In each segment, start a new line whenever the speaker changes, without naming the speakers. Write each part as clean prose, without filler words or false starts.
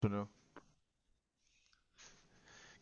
Bueno,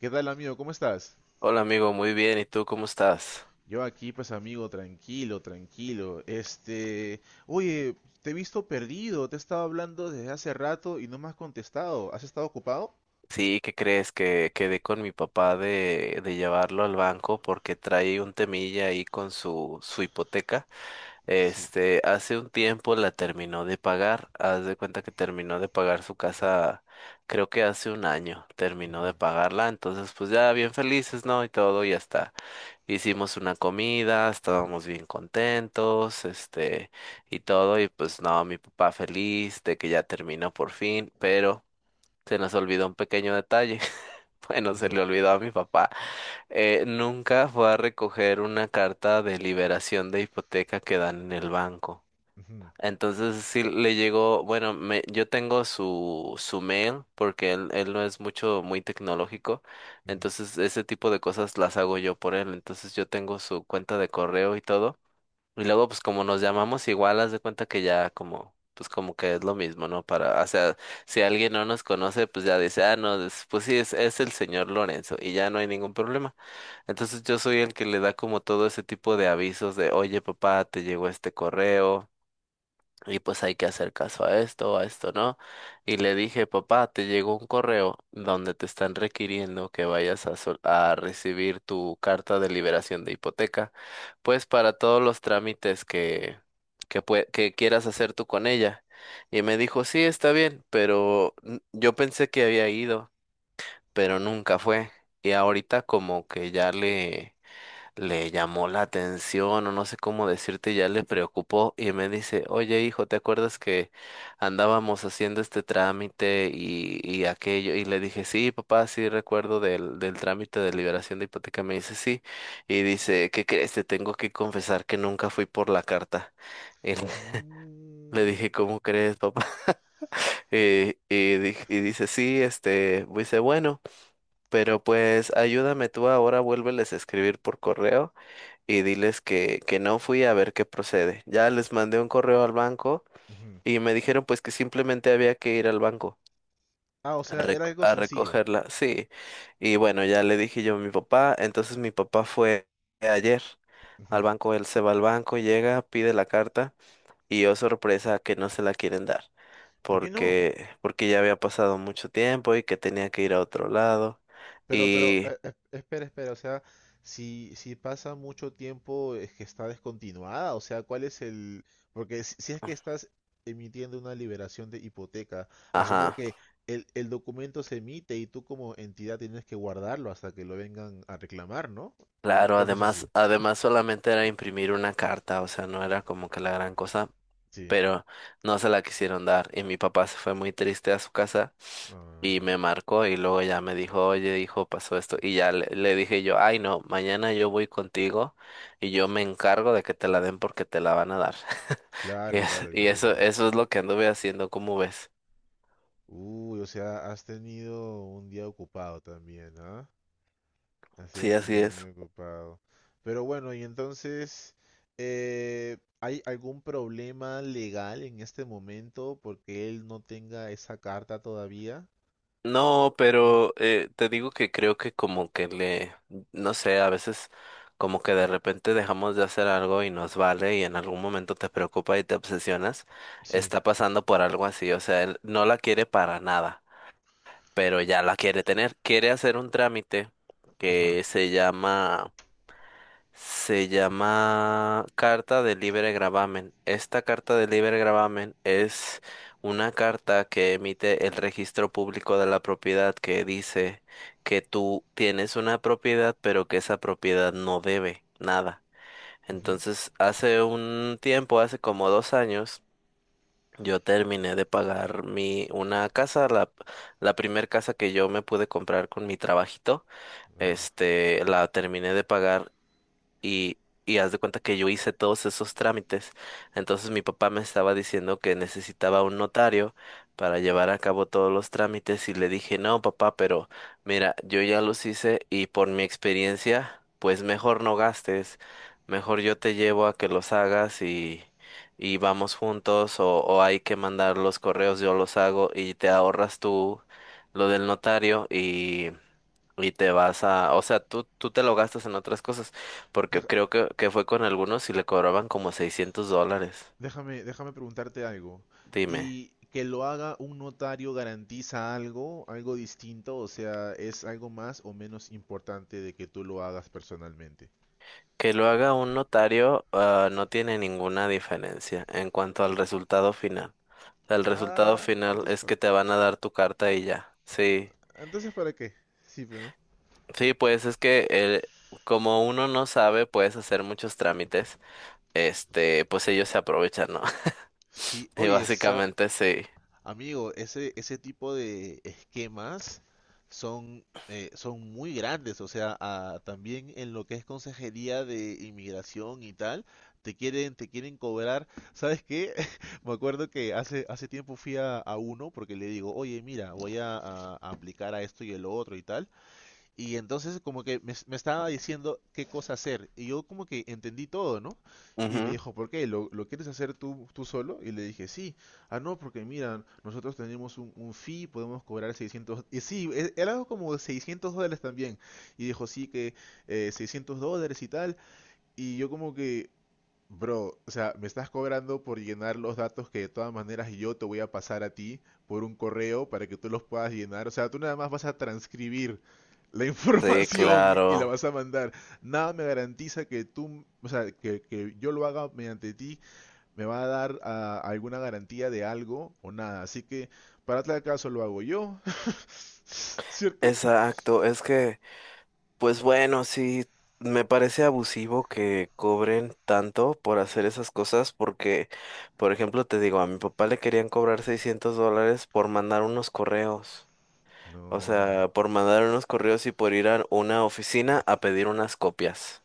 ¿Qué tal amigo? ¿Cómo estás?
Hola amigo, muy bien. ¿Y tú cómo estás?
Yo aquí, pues amigo, tranquilo, tranquilo. Oye, te he visto perdido, te he estado hablando desde hace rato y no me has contestado. ¿Has estado ocupado?
Sí, ¿qué crees? Que quedé con mi papá de llevarlo al banco porque trae un temilla ahí con su hipoteca.
Sí,
Hace un tiempo la terminó de pagar. Haz de cuenta que terminó de pagar su casa, creo que hace un año terminó de pagarla. Entonces, pues ya bien felices, ¿no? Y todo, ya está. Hicimos una comida, estábamos bien contentos, y todo, y pues no, mi papá feliz de que ya terminó por fin, pero se nos olvidó un pequeño detalle.
¿qué
Bueno, se
pasó?
le olvidó a mi papá. Nunca fue a recoger una carta de liberación de hipoteca que dan en el banco.
Ujú,
Entonces sí le llegó, bueno, yo tengo su mail porque él no es muy tecnológico,
ujú.
entonces ese tipo de cosas las hago yo por él. Entonces yo tengo su cuenta de correo y todo, y luego pues como nos llamamos igual, haz de cuenta que ya como, pues como que es lo mismo, ¿no? Para, o sea, si alguien no nos conoce, pues ya dice, ah, no, pues sí, es el señor Lorenzo y ya no hay ningún problema. Entonces yo soy el que le da como todo ese tipo de avisos de, oye papá, te llegó este correo y pues hay que hacer caso a esto no. Y le dije, papá, te llegó un correo donde te están requiriendo que vayas a, a recibir tu carta de liberación de hipoteca, pues para todos los trámites que quieras hacer tú con ella. Y me dijo, sí, está bien, pero yo pensé que había ido, pero nunca fue. Y ahorita como que ya le llamó la atención o no sé cómo decirte, ya le preocupó y me dice, oye hijo, ¿te acuerdas que andábamos haciendo este trámite y aquello? Y le dije, sí, papá, sí recuerdo del trámite de liberación de hipoteca. Me dice, sí, y dice, ¿qué crees? Te tengo que confesar que nunca fui por la carta. Y le
No.
le dije, ¿cómo crees, papá? Y dice, sí, dice, bueno, pero pues ayúdame tú ahora, vuélveles a escribir por correo y diles que no fui a ver qué procede. Ya les mandé un correo al banco
Ujú.
y me dijeron pues que simplemente había que ir al banco
Ah, o
a,
sea, era algo
a
sencillo.
recogerla. Sí, y bueno, ya le dije yo a mi papá. Entonces mi papá fue ayer al
Ujú.
banco, él se va al banco, llega, pide la carta y yo sorpresa que no se la quieren dar.
¿Por qué no?
Porque ya había pasado mucho tiempo y que tenía que ir a otro lado.
Pero, pero,
Y,
eh, eh, espera, espera, o sea, si pasa mucho tiempo es que está descontinuada, o sea, ¿cuál es el...? Porque si es que estás emitiendo una liberación de hipoteca, asumo
ajá.
que el documento se emite y tú como entidad tienes que guardarlo hasta que lo vengan a reclamar, ¿no?
Claro,
¿O no es así?
además solamente era imprimir una carta, o sea, no era como que la gran cosa,
Sí.
pero no se la quisieron dar y mi papá se fue muy triste a su casa y
Ah,
me marcó y luego ya me dijo, oye, hijo, pasó esto, y ya le dije yo, ay, no, mañana yo voy contigo y yo me encargo de que te la den porque te la van a dar. Y,
claro,
es-
claro,
y
claro.
eso,
claro.
eso es lo que anduve haciendo, ¿cómo ves?
Uy, o sea, has tenido un día ocupado también. Así lo
Sí, así
tenía muy
es.
ocupado. Pero bueno, y entonces, ¿hay algún problema legal en este momento porque él no tenga esa carta todavía?
No,
No,
pero te digo que creo que como que le, no sé, a veces como que de repente dejamos de hacer algo y nos vale y en algún momento te preocupa y te obsesionas.
sí,
Está pasando por algo así, o sea, él no la quiere para nada, pero ya la quiere tener, quiere hacer un trámite
ajá.
que se llama Carta de Libre Gravamen. Esta carta de libre gravamen es una carta que emite el Registro Público de la Propiedad que dice que tú tienes una propiedad, pero que esa propiedad no debe nada.
Ujú.
Entonces, hace un tiempo, hace como 2 años, yo terminé de pagar mi una casa, la primer casa que yo me pude comprar con mi trabajito.
Ah.
La terminé de pagar y, y haz de cuenta que yo hice todos esos trámites. Entonces mi papá me estaba diciendo que necesitaba un notario para llevar a cabo todos los trámites y le dije, no, papá, pero mira, yo ya los hice y por mi experiencia, pues mejor no gastes, mejor yo te llevo a que los hagas y... Y vamos juntos o hay que mandar los correos, yo los hago y te ahorras tú lo del notario, y te vas a, o sea, tú te lo gastas en otras cosas. Porque creo que fue con algunos y le cobraban como $600.
Déjame preguntarte algo.
Dime,
¿Y que lo haga un notario garantiza algo, algo distinto? O sea, ¿es algo más o menos importante de que tú lo hagas personalmente?
que lo haga un notario, ah, no tiene ninguna diferencia en cuanto al resultado final. O sea, el resultado
Ah,
final
entonces
es
¿para
que te
qué?
van a dar tu carta y ya. Sí,
Entonces ¿para qué? Sí, pero
sí, pues es que como uno no sabe, puedes hacer muchos trámites. Pues ellos se aprovechan, ¿no?
sí,
Y
oye,
básicamente sí.
amigo, ese tipo de esquemas son, son muy grandes, o sea, también en lo que es consejería de inmigración y tal, te quieren cobrar, ¿sabes qué? Me acuerdo que hace tiempo fui a uno porque le digo, oye, mira, voy a aplicar a esto y el otro y tal, y entonces como que me estaba diciendo qué cosa hacer. Y yo como que entendí todo, ¿no? Y me
Ujú.
dijo, ¿por qué? ¿Lo quieres hacer tú, tú solo? Y le dije, sí. Ah, no, porque mira, nosotros tenemos un fee, podemos cobrar 600... Y sí, era algo como $600 también. Y dijo, sí, que $600 y tal. Y yo como que, bro, o sea, me estás cobrando por llenar los datos que de todas maneras yo te voy a pasar a ti por un correo para que tú los puedas llenar. O sea, tú nada más vas a transcribir la
Sí,
información y la
claro.
vas a mandar. Nada me garantiza que tú, o sea, que yo lo haga mediante ti, me va a dar alguna garantía de algo o nada. Así que, para tal caso, lo hago yo. ¿Cierto?
Exacto, es que... Pues bueno, sí, me parece abusivo que cobren tanto por hacer esas cosas porque, por ejemplo, te digo, a mi papá le querían cobrar $600 por mandar unos correos. O
No.
sea, por mandar unos correos y por ir a una oficina a pedir unas copias.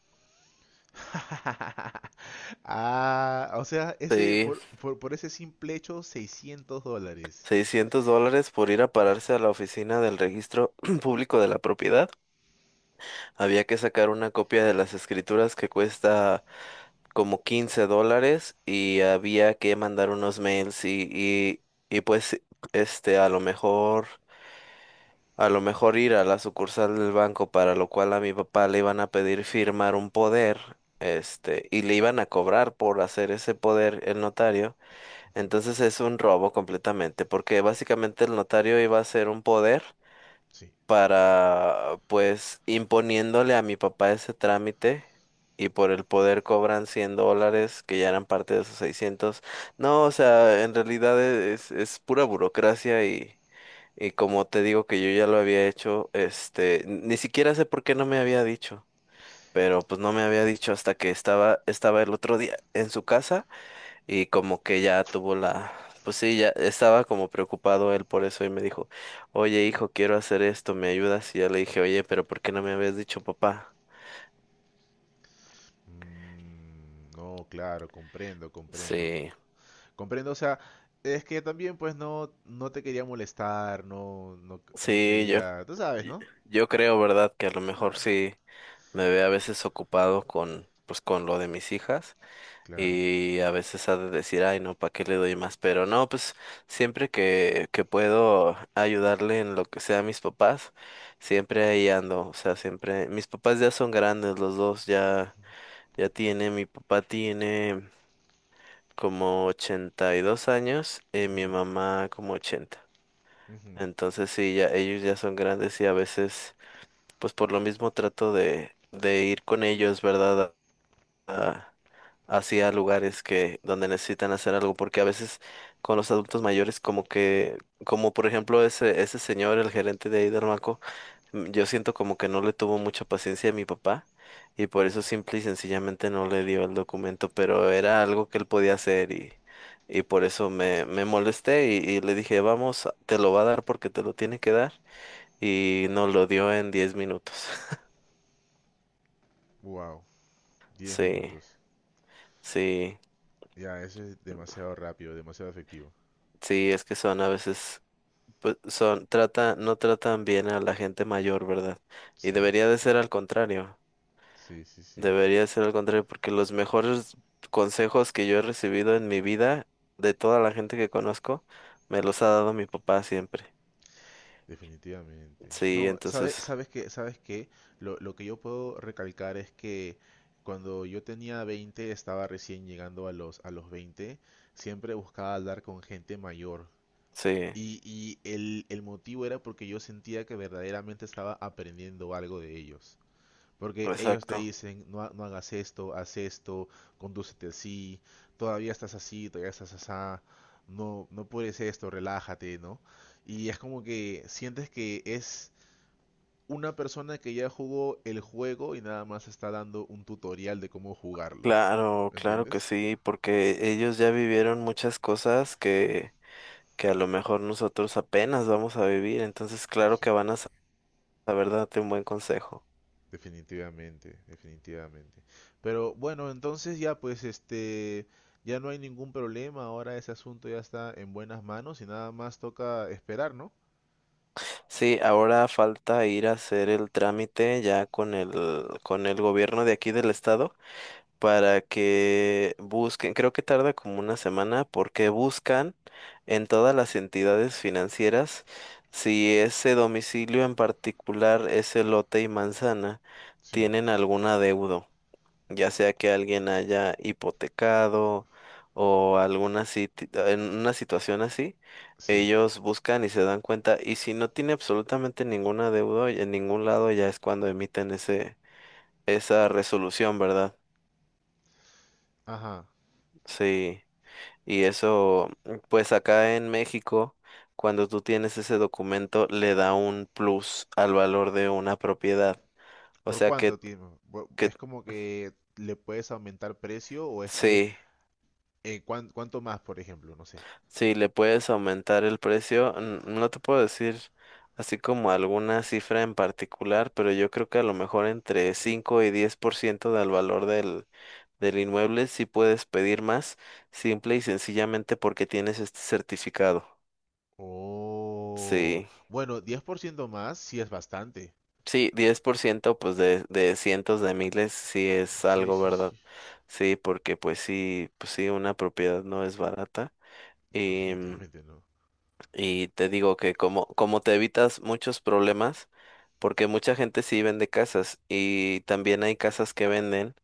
Ah, o sea, ese
Sí,
por ese simple hecho, $600.
$600 por ir a pararse a la oficina del Registro Público de la Propiedad. Había que sacar una copia de las escrituras que cuesta como $15 y había que mandar unos mails y pues este a lo mejor a lo mejor ir a la sucursal del banco, para lo cual a mi papá le iban a pedir firmar un poder, y le iban a cobrar por hacer ese poder el notario. Entonces es un robo completamente, porque básicamente el notario iba a hacer un poder
Sí.
para, pues, imponiéndole a mi papá ese trámite, y por el poder cobran $100, que ya eran parte de esos 600. No, o sea, en realidad es pura burocracia, y como te digo que yo ya lo había hecho. Ni siquiera sé por qué no me había dicho, pero pues no me había dicho hasta que estaba el otro día en su casa. Y como que ya tuvo pues sí, ya estaba como preocupado él por eso y me dijo, oye hijo, quiero hacer esto, ¿me ayudas? Y ya le dije, oye, pero ¿por qué no me habías dicho papá?
Mm, no, claro, comprendo, comprendo.
Sí,
Comprendo, o sea, es que también pues no, no te quería molestar, no, no, no
sí,
quería, tú sabes,
y-
¿no?
yo creo, ¿verdad? Que a lo mejor
Claro.
sí me ve a veces ocupado con, pues con lo de mis hijas.
Claro.
Y a veces ha de decir, ay, no, ¿para qué le doy más? Pero no, pues siempre que puedo ayudarle en lo que sea a mis papás, siempre ahí ando. O sea, siempre. Mis papás ya son grandes, los dos ya tienen. Mi papá tiene como 82 años y mi mamá como 80. Entonces sí, ya ellos ya son grandes y a veces, pues por lo mismo trato de ir con ellos, ¿verdad? a- Hacia lugares que donde necesitan hacer algo, porque a veces con los adultos mayores como que, como por ejemplo ese señor, el gerente de ahí del banco, yo siento como que no le tuvo mucha paciencia a mi papá y por eso simple y sencillamente no le dio el documento, pero era algo que él podía hacer, y por eso me molesté, y le dije, vamos, te lo va a dar porque te lo tiene que dar, y nos lo dio en 10 minutos.
Wow, diez
Sí,
minutos.
sí,
Ya, eso es demasiado rápido, demasiado efectivo.
sí, es que son a veces pues son, no tratan bien a la gente mayor, ¿verdad? Y
Sí,
debería de ser al contrario,
sí, sí, sí.
debería de ser al contrario, porque los mejores consejos que yo he recibido en mi vida, de toda la gente que conozco, me los ha dado mi papá siempre.
Definitivamente.
Sí,
No, sabes,
entonces,
sabes que lo que yo puedo recalcar es que cuando yo tenía 20, estaba recién llegando a los 20, siempre buscaba hablar con gente mayor.
sí,
Y el motivo era porque yo sentía que verdaderamente estaba aprendiendo algo de ellos. Porque ellos te
exacto.
dicen, no, no hagas esto, haz esto, condúcete así, todavía estás asá, no, no puedes esto, relájate, ¿no? Y es como que sientes que es una persona que ya jugó el juego y nada más está dando un tutorial de cómo jugarlo.
Claro,
¿Me
claro que
entiendes?
sí, porque ellos ya vivieron muchas cosas que a lo mejor nosotros apenas vamos a vivir, entonces claro que
Sí,
van a saber darte un buen consejo.
definitivamente, definitivamente. Pero bueno, entonces ya pues ya no hay ningún problema, ahora ese asunto ya está en buenas manos y nada más toca esperar, ¿no?
Sí, ahora falta ir a hacer el trámite ya con el gobierno de aquí del estado para que busquen, creo que tarda como una semana, porque buscan en todas las entidades financieras si ese domicilio en particular, ese lote y manzana,
Sí,
tienen algún adeudo, ya sea que alguien haya hipotecado o alguna en una situación así.
sí.
Ellos buscan y se dan cuenta, y si no tiene absolutamente ninguna deuda en ningún lado, ya es cuando emiten esa resolución, ¿verdad?
Ajá.
Sí, y eso, pues acá en México, cuando tú tienes ese documento, le da un plus al valor de una propiedad. O
¿Por
sea
cuánto
que,
tiempo?
que
¿Es como que le puedes aumentar precio o es que
sí.
cuánto más, por ejemplo? No sé.
Si le puedes aumentar el precio, no te puedo decir así como alguna cifra en particular, pero yo creo que a lo mejor entre 5 y 10% del valor del inmueble sí puedes pedir más, simple y sencillamente porque tienes este certificado.
Oh,
Sí,
bueno, 10% más sí es bastante.
sí, 10%, pues de cientos de miles sí es
Sí,
algo,
sí,
¿verdad?
sí.
Sí, porque pues sí, una propiedad no es barata.
Definitivamente no.
Y te digo que como te evitas muchos problemas, porque mucha gente sí vende casas y también hay casas que venden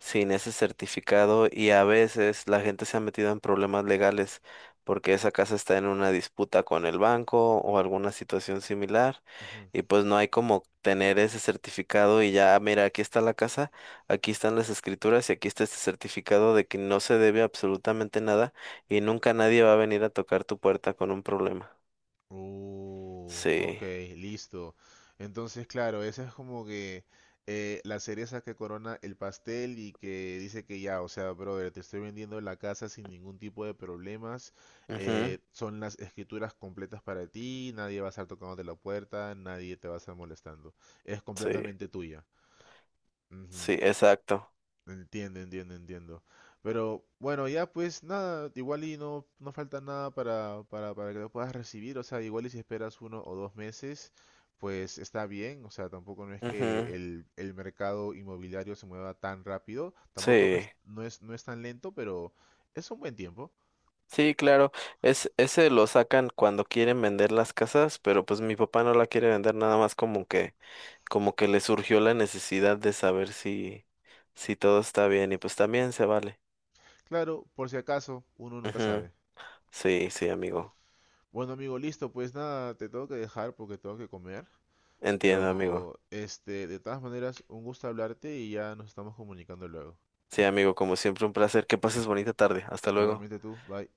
sin ese certificado y a veces la gente se ha metido en problemas legales porque esa casa está en una disputa con el banco o alguna situación similar, y pues no hay como tener ese certificado y ya, mira, aquí está la casa, aquí están las escrituras y aquí está este certificado de que no se debe absolutamente nada y nunca nadie va a venir a tocar tu puerta con un problema.
Ok,
Sí.
listo. Entonces, claro, esa es como que la cereza que corona el pastel y que dice que ya, o sea, brother, te estoy vendiendo la casa sin ningún tipo de problemas.
Ujú.
Son las escrituras completas para ti, nadie va a estar tocándote la puerta, nadie te va a estar molestando. Es
Sí.
completamente tuya. Ujú.
Sí, exacto.
Entiendo, entiendo, entiendo. Pero bueno, ya pues nada, igual y no, no falta nada para que lo puedas recibir. O sea, igual y si esperas uno o dos meses, pues está bien. O sea, tampoco no es
Ujú.
que el mercado inmobiliario se mueva tan rápido. Tampoco no
Sí.
es, no es, no es tan lento, pero es un buen tiempo.
Sí, claro. Ese lo sacan cuando quieren vender las casas, pero pues mi papá no la quiere vender nada más como que, le surgió la necesidad de saber si todo está bien. Y pues también se vale.
Claro, por si acaso, uno nunca
Ujú.
sabe.
Sí, sí, amigo.
Bueno, amigo, listo, pues nada, te tengo que dejar porque tengo que comer.
Entiendo, amigo.
Pero de todas maneras, un gusto hablarte y ya nos estamos comunicando luego.
Sí, amigo, como siempre, un placer. Que pases bonita tarde. Hasta luego.
Igualmente tú, bye.